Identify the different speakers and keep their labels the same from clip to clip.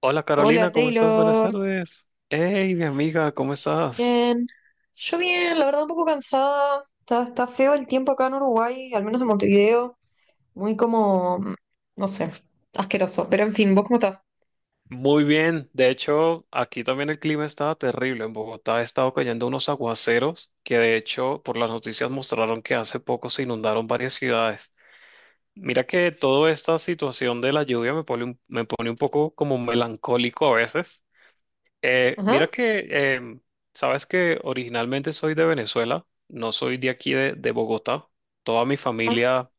Speaker 1: Hola Carolina,
Speaker 2: Hola
Speaker 1: ¿cómo estás? Buenas
Speaker 2: Taylor,
Speaker 1: tardes. Hey, mi amiga, ¿cómo
Speaker 2: yo
Speaker 1: estás?
Speaker 2: bien, yo bien, la verdad un poco cansada, está feo el tiempo acá en Uruguay, al menos en Montevideo, muy como, no sé, asqueroso, pero en fin, ¿vos cómo estás?
Speaker 1: Muy bien. De hecho, aquí también el clima estaba terrible. En Bogotá ha estado cayendo unos aguaceros que de hecho por las noticias mostraron que hace poco se inundaron varias ciudades. Mira que toda esta situación de la lluvia me pone un poco como melancólico a veces.
Speaker 2: Ajá.
Speaker 1: Mira que, sabes que originalmente soy de Venezuela, no soy de aquí de Bogotá. Toda mi
Speaker 2: Ah,
Speaker 1: familia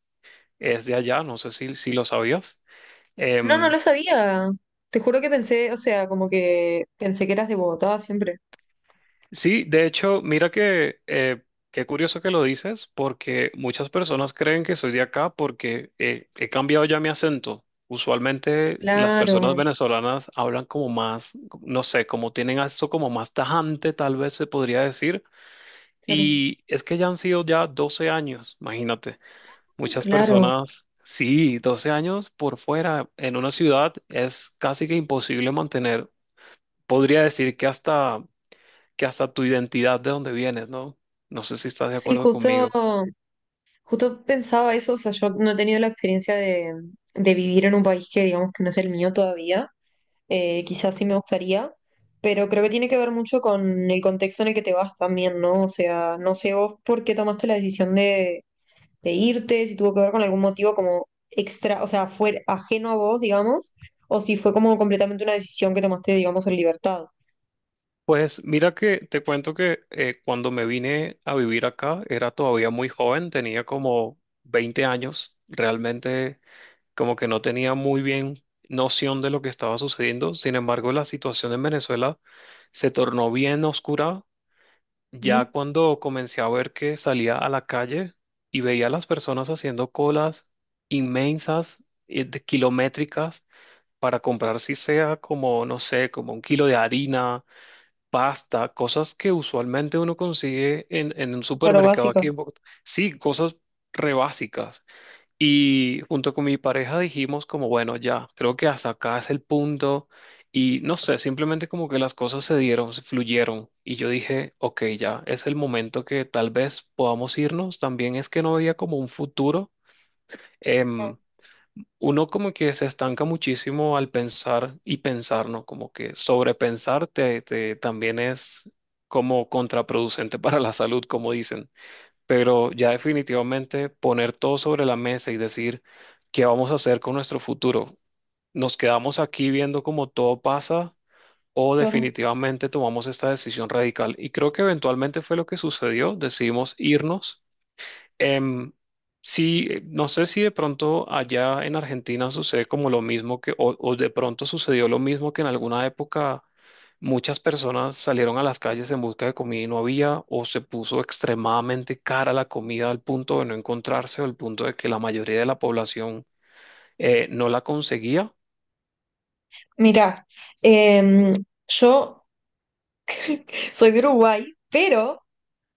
Speaker 1: es de allá, no sé si lo sabías.
Speaker 2: no, no
Speaker 1: Em,
Speaker 2: lo sabía, te juro que pensé, o sea, como que pensé que eras de Bogotá siempre.
Speaker 1: sí, de hecho, mira que qué curioso que lo dices, porque muchas personas creen que soy de acá porque he cambiado ya mi acento. Usualmente las personas
Speaker 2: Claro,
Speaker 1: venezolanas hablan como más, no sé, como tienen eso como más tajante, tal vez se podría decir.
Speaker 2: claro,
Speaker 1: Y es que ya han sido ya 12 años, imagínate. Muchas
Speaker 2: claro.
Speaker 1: personas, sí, 12 años por fuera en una ciudad es casi que imposible mantener. Podría decir que hasta tu identidad de dónde vienes, ¿no? No sé si estás de
Speaker 2: Sí,
Speaker 1: acuerdo
Speaker 2: justo,
Speaker 1: conmigo.
Speaker 2: justo pensaba eso, o sea, yo no he tenido la experiencia de vivir en un país que digamos que no es el mío todavía. Quizás sí me gustaría, pero creo que tiene que ver mucho con el contexto en el que te vas también, ¿no? O sea, no sé vos por qué tomaste la decisión de irte, si tuvo que ver con algún motivo como extra, o sea, fue ajeno a vos, digamos, o si fue como completamente una decisión que tomaste, digamos, en libertad.
Speaker 1: Pues mira que te cuento que cuando me vine a vivir acá era todavía muy joven, tenía como 20 años, realmente como que no tenía muy bien noción de lo que estaba sucediendo. Sin embargo, la situación en Venezuela se tornó bien oscura. Ya
Speaker 2: Ujú.
Speaker 1: cuando comencé a ver que salía a la calle y veía a las personas haciendo colas inmensas, de kilométricas, para comprar si sea como, no sé, como un kilo de harina, pasta, cosas que usualmente uno consigue en un
Speaker 2: Claro,
Speaker 1: supermercado
Speaker 2: básica.
Speaker 1: aquí en Bogotá. Sí, cosas re básicas. Y junto con mi pareja dijimos como, bueno, ya, creo que hasta acá es el punto. Y no sé, simplemente como que las cosas se dieron, se fluyeron. Y yo dije, ok, ya, es el momento que tal vez podamos irnos. También es que no había como un futuro.
Speaker 2: Ah,
Speaker 1: Em, Uno como que se estanca muchísimo al pensar y pensar, ¿no? Como que sobrepensar también es como contraproducente para la salud, como dicen. Pero ya
Speaker 2: ah,
Speaker 1: definitivamente poner todo sobre la mesa y decir qué vamos a hacer con nuestro futuro. ¿Nos quedamos aquí viendo cómo todo pasa o
Speaker 2: claro.
Speaker 1: definitivamente tomamos esta decisión radical? Y creo que eventualmente fue lo que sucedió. Decidimos irnos. Em, sí, no sé si de pronto allá en Argentina sucede como lo mismo que, o de pronto sucedió lo mismo que en alguna época muchas personas salieron a las calles en busca de comida y no había, o se puso extremadamente cara la comida al punto de no encontrarse, o al punto de que la mayoría de la población no la conseguía.
Speaker 2: Mirá, em, yo soy de Uruguay, pero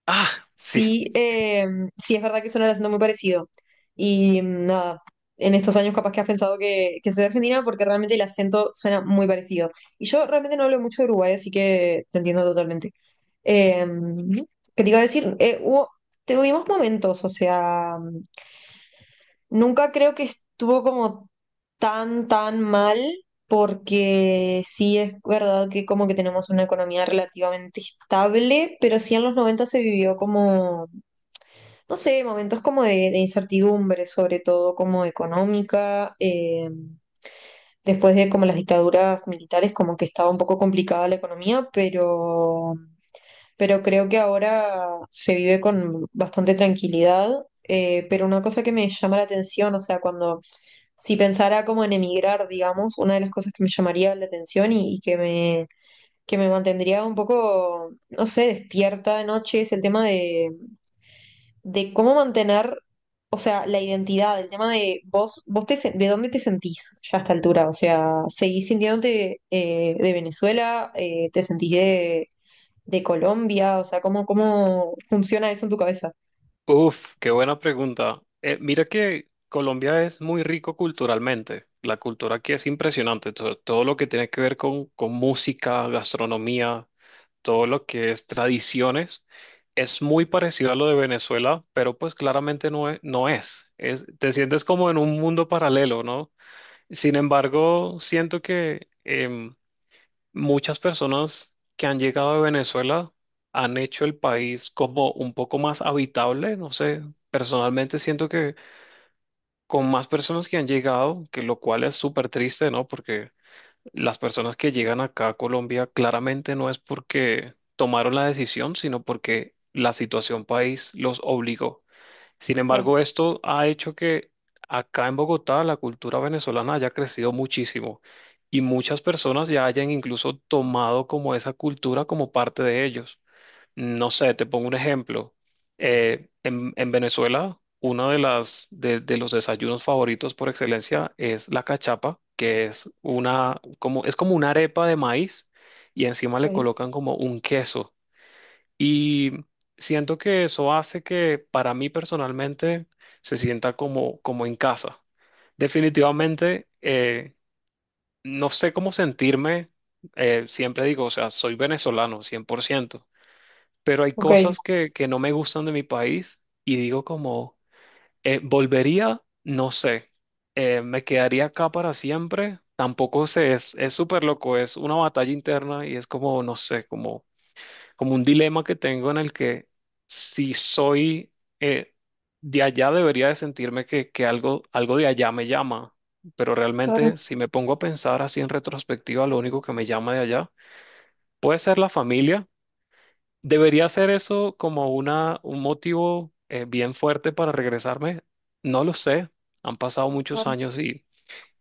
Speaker 1: Ah, sí.
Speaker 2: sí, sí es verdad que suena el acento muy parecido. Y nada, en estos años capaz que has pensado que soy argentina porque realmente el acento suena muy parecido. Y yo realmente no hablo mucho de Uruguay, así que te entiendo totalmente. Eh, ¿Qué te iba a decir? Tuvimos momentos, o sea, nunca creo que estuvo como tan, tan mal, porque sí es verdad que como que tenemos una economía relativamente estable, pero sí en los 90 se vivió como no sé, momentos como de incertidumbre, sobre todo como económica. Después de como las dictaduras militares, como que estaba un poco complicada la economía, pero creo que ahora se vive con bastante tranquilidad. Pero una cosa que me llama la atención, o sea, cuando si pensara como en emigrar, digamos, una de las cosas que me llamaría la atención y que que me mantendría un poco, no sé, despierta de noche es el tema de cómo mantener, o sea, la identidad, el tema de vos, sen- de dónde te sentís ya a esta altura, o sea, ¿seguís sintiéndote de Venezuela? ¿Te sentís de Colombia? O sea, ¿cómo, cómo funciona eso en tu cabeza?
Speaker 1: Uf, qué buena pregunta. Mira que Colombia es muy rico culturalmente. La cultura aquí es impresionante. Todo lo que tiene que ver con música, gastronomía, todo lo que es tradiciones, es muy parecido a lo de Venezuela, pero pues claramente no es, no es. Te sientes como en un mundo paralelo, ¿no? Sin embargo, siento que muchas personas que han llegado de Venezuela han hecho el país como un poco más habitable, no sé, personalmente siento que con más personas que han llegado, que lo cual es súper triste, ¿no? Porque las personas que llegan acá a Colombia claramente no es porque tomaron la decisión, sino porque la situación país los obligó. Sin
Speaker 2: Claro.
Speaker 1: embargo, esto ha hecho que acá en Bogotá la cultura venezolana haya crecido muchísimo y muchas personas ya hayan incluso tomado como esa cultura como parte de ellos. No sé, te pongo un ejemplo. En Venezuela, uno de las de los desayunos favoritos por excelencia es la cachapa, que es una como es como una arepa de maíz y encima le
Speaker 2: Ok,
Speaker 1: colocan como un queso. Y siento que eso hace que para mí personalmente se sienta como en casa. Definitivamente, no sé cómo sentirme. Siempre digo, o sea, soy venezolano, 100%, pero hay
Speaker 2: ok,
Speaker 1: cosas que no me gustan de mi país y digo como, volvería, no sé, me quedaría acá para siempre. Tampoco sé, es súper loco, es una batalla interna y es como, no sé, como un dilema que tengo en el que si soy eh, de allá debería de sentirme que, algo de allá me llama, pero
Speaker 2: claro,
Speaker 1: realmente si me pongo a pensar así en retrospectiva, lo único que me llama de allá puede ser la familia. ¿Debería ser eso como un motivo bien fuerte para regresarme? No lo sé. Han pasado muchos
Speaker 2: claro.
Speaker 1: años y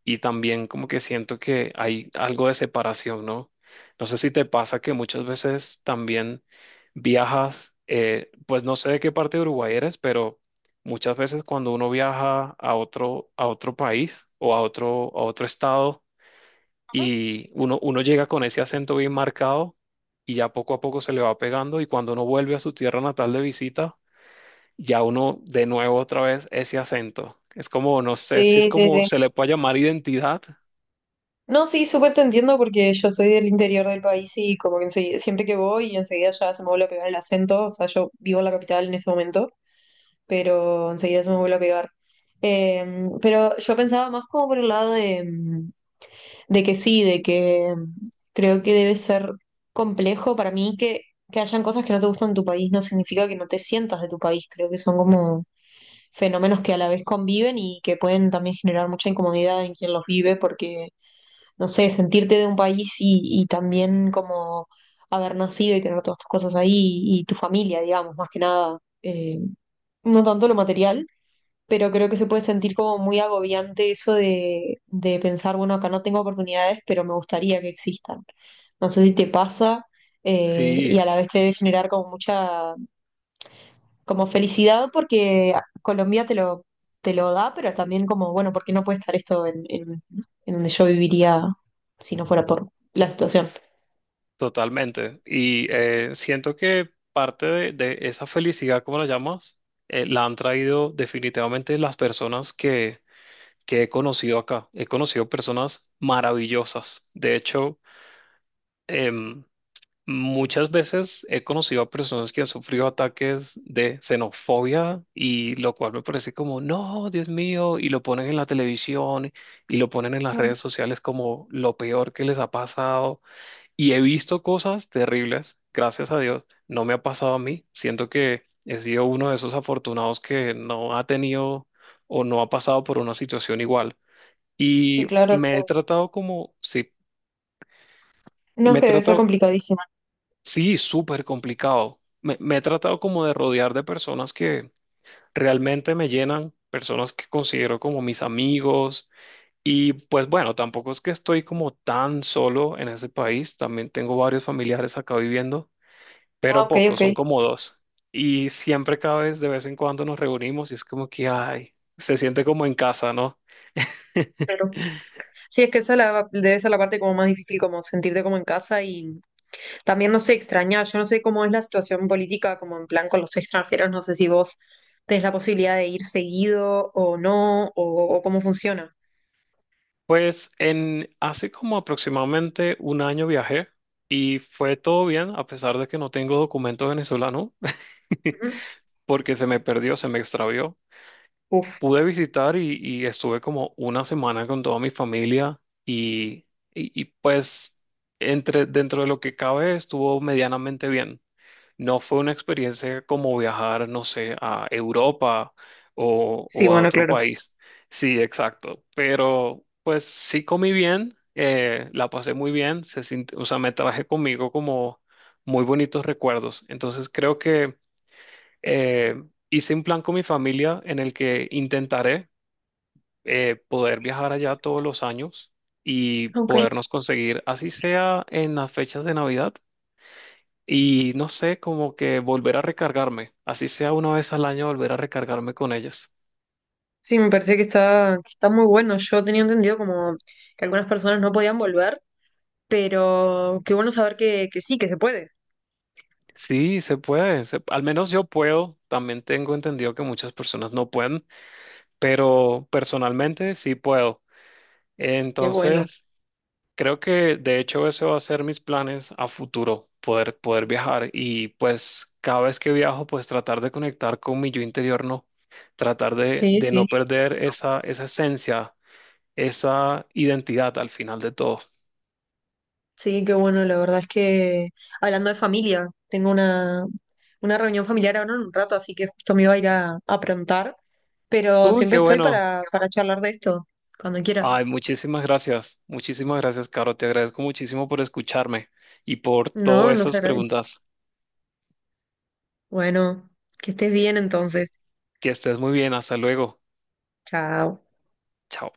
Speaker 1: y también como que siento que hay algo de separación, ¿no? No sé si te pasa que muchas veces también viajas, pues no sé de qué parte de Uruguay eres, pero muchas veces cuando uno viaja a otro, a otro, país o a otro estado y uno llega con ese acento bien marcado y ya poco a poco se le va pegando y cuando uno vuelve a su tierra natal de visita, ya uno de nuevo otra vez ese acento. Es como, no sé si es
Speaker 2: Sí, sí,
Speaker 1: como
Speaker 2: sí.
Speaker 1: se le puede llamar identidad.
Speaker 2: No, sí, súper te entiendo porque yo soy del interior del país y como que enseguida- siempre que voy, enseguida ya se me vuelve a pegar el acento, o sea, yo vivo en la capital en este momento. Pero enseguida se me vuelve a pegar. Eh, pero yo pensaba más como por el lado de, de que sí, de que creo que debe ser complejo para mí que hayan cosas que no te gustan en tu país, no significa que no te sientas de tu país, creo que son como fenómenos que a la vez conviven y que pueden también generar mucha incomodidad en quien los vive, porque, no sé, sentirte de un país y también como haber nacido y tener todas tus cosas ahí y, tu familia, digamos, más que nada, no tanto lo material, pero creo que se puede sentir como muy agobiante eso de pensar, bueno, acá no tengo oportunidades, pero me gustaría que existan. No sé si te pasa, y
Speaker 1: Sí,
Speaker 2: a la vez te debe generar como mucha, como felicidad porque Colombia te lo da, pero también como, bueno, ¿por qué no puede estar esto en donde yo viviría si no fuera por la situación?
Speaker 1: totalmente. Y siento que parte de esa felicidad, como la llamas, la han traído definitivamente las personas que he conocido acá. He conocido personas maravillosas. De hecho, em, muchas veces he conocido a personas que han sufrido ataques de xenofobia y lo cual me parece como, no, Dios mío, y lo ponen en la televisión y lo ponen en las
Speaker 2: Claro.
Speaker 1: redes sociales como lo peor que les ha pasado. Y he visto cosas terribles, gracias a Dios, no me ha pasado a mí. Siento que he sido uno de esos afortunados que no ha tenido o no ha pasado por una situación igual.
Speaker 2: Sí,
Speaker 1: Y
Speaker 2: claro,
Speaker 1: me he
Speaker 2: sí.
Speaker 1: tratado como, sí.
Speaker 2: No, es
Speaker 1: Me, he
Speaker 2: que debe ser
Speaker 1: tratado,
Speaker 2: complicadísima.
Speaker 1: sí, súper complicado. Me he tratado como de rodear de personas que realmente me llenan, personas que considero como mis amigos. Y pues bueno, tampoco es que estoy como tan solo en ese país, también tengo varios familiares acá viviendo,
Speaker 2: Ah,
Speaker 1: pero
Speaker 2: ok,
Speaker 1: pocos,
Speaker 2: ok.
Speaker 1: son como dos. Y siempre cada vez, de vez en cuando nos reunimos y es como que, ay, se siente como en casa, ¿no?
Speaker 2: Claro. Sí, es que esa la- debe ser la parte como más difícil, como sentirte como en casa. Y también no sé extrañar, yo no sé cómo es la situación política, como en plan con los extranjeros, no sé si vos tenés la posibilidad de ir seguido o no, o cómo funciona.
Speaker 1: Pues en hace como aproximadamente un año viajé y fue todo bien, a pesar de que no tengo documento venezolano,
Speaker 2: Ujú.
Speaker 1: porque se me perdió, se me extravió.
Speaker 2: Uf,
Speaker 1: Pude visitar y estuve como una semana con toda mi familia y pues dentro de lo que cabe estuvo medianamente bien. No fue una experiencia como viajar, no sé, a Europa o,
Speaker 2: sí,
Speaker 1: o a
Speaker 2: bueno,
Speaker 1: otro
Speaker 2: claro.
Speaker 1: país. Sí, exacto. Pero pues sí comí bien, la pasé muy bien, o sea, me traje conmigo como muy bonitos recuerdos. Entonces creo que eh, hice un plan con mi familia en el que intentaré poder viajar allá todos los años y
Speaker 2: Ok.
Speaker 1: podernos conseguir, así sea en las fechas de Navidad y no sé, como que volver a recargarme, así sea una vez al año volver a recargarme con ellas.
Speaker 2: Sí, me parece que está muy bueno. Yo tenía entendido como que algunas personas no podían volver, pero qué bueno saber que sí, que se puede.
Speaker 1: Sí, se puede, al menos yo puedo, también tengo entendido que muchas personas no pueden, pero personalmente sí puedo.
Speaker 2: Qué bueno.
Speaker 1: Entonces, creo que de hecho ese va a ser mis planes a futuro, poder viajar y pues cada vez que viajo, pues tratar de conectar con mi yo interior, no, tratar de,
Speaker 2: Sí,
Speaker 1: de no
Speaker 2: sí.
Speaker 1: perder esa esencia, esa identidad al final de todo.
Speaker 2: Sí, qué bueno, la verdad es que hablando de familia, tengo una reunión familiar ahora en un rato, así que justo me iba a ir a aprontar, pero
Speaker 1: Uy,
Speaker 2: siempre
Speaker 1: qué
Speaker 2: estoy
Speaker 1: bueno.
Speaker 2: para charlar de esto, cuando quieras.
Speaker 1: Ay, muchísimas gracias. Muchísimas gracias, Caro. Te agradezco muchísimo por escucharme y por
Speaker 2: No,
Speaker 1: todas
Speaker 2: no se
Speaker 1: esas
Speaker 2: agradece.
Speaker 1: preguntas.
Speaker 2: Bueno, que estés bien entonces.
Speaker 1: Que estés muy bien. Hasta luego.
Speaker 2: Chao.
Speaker 1: Chao.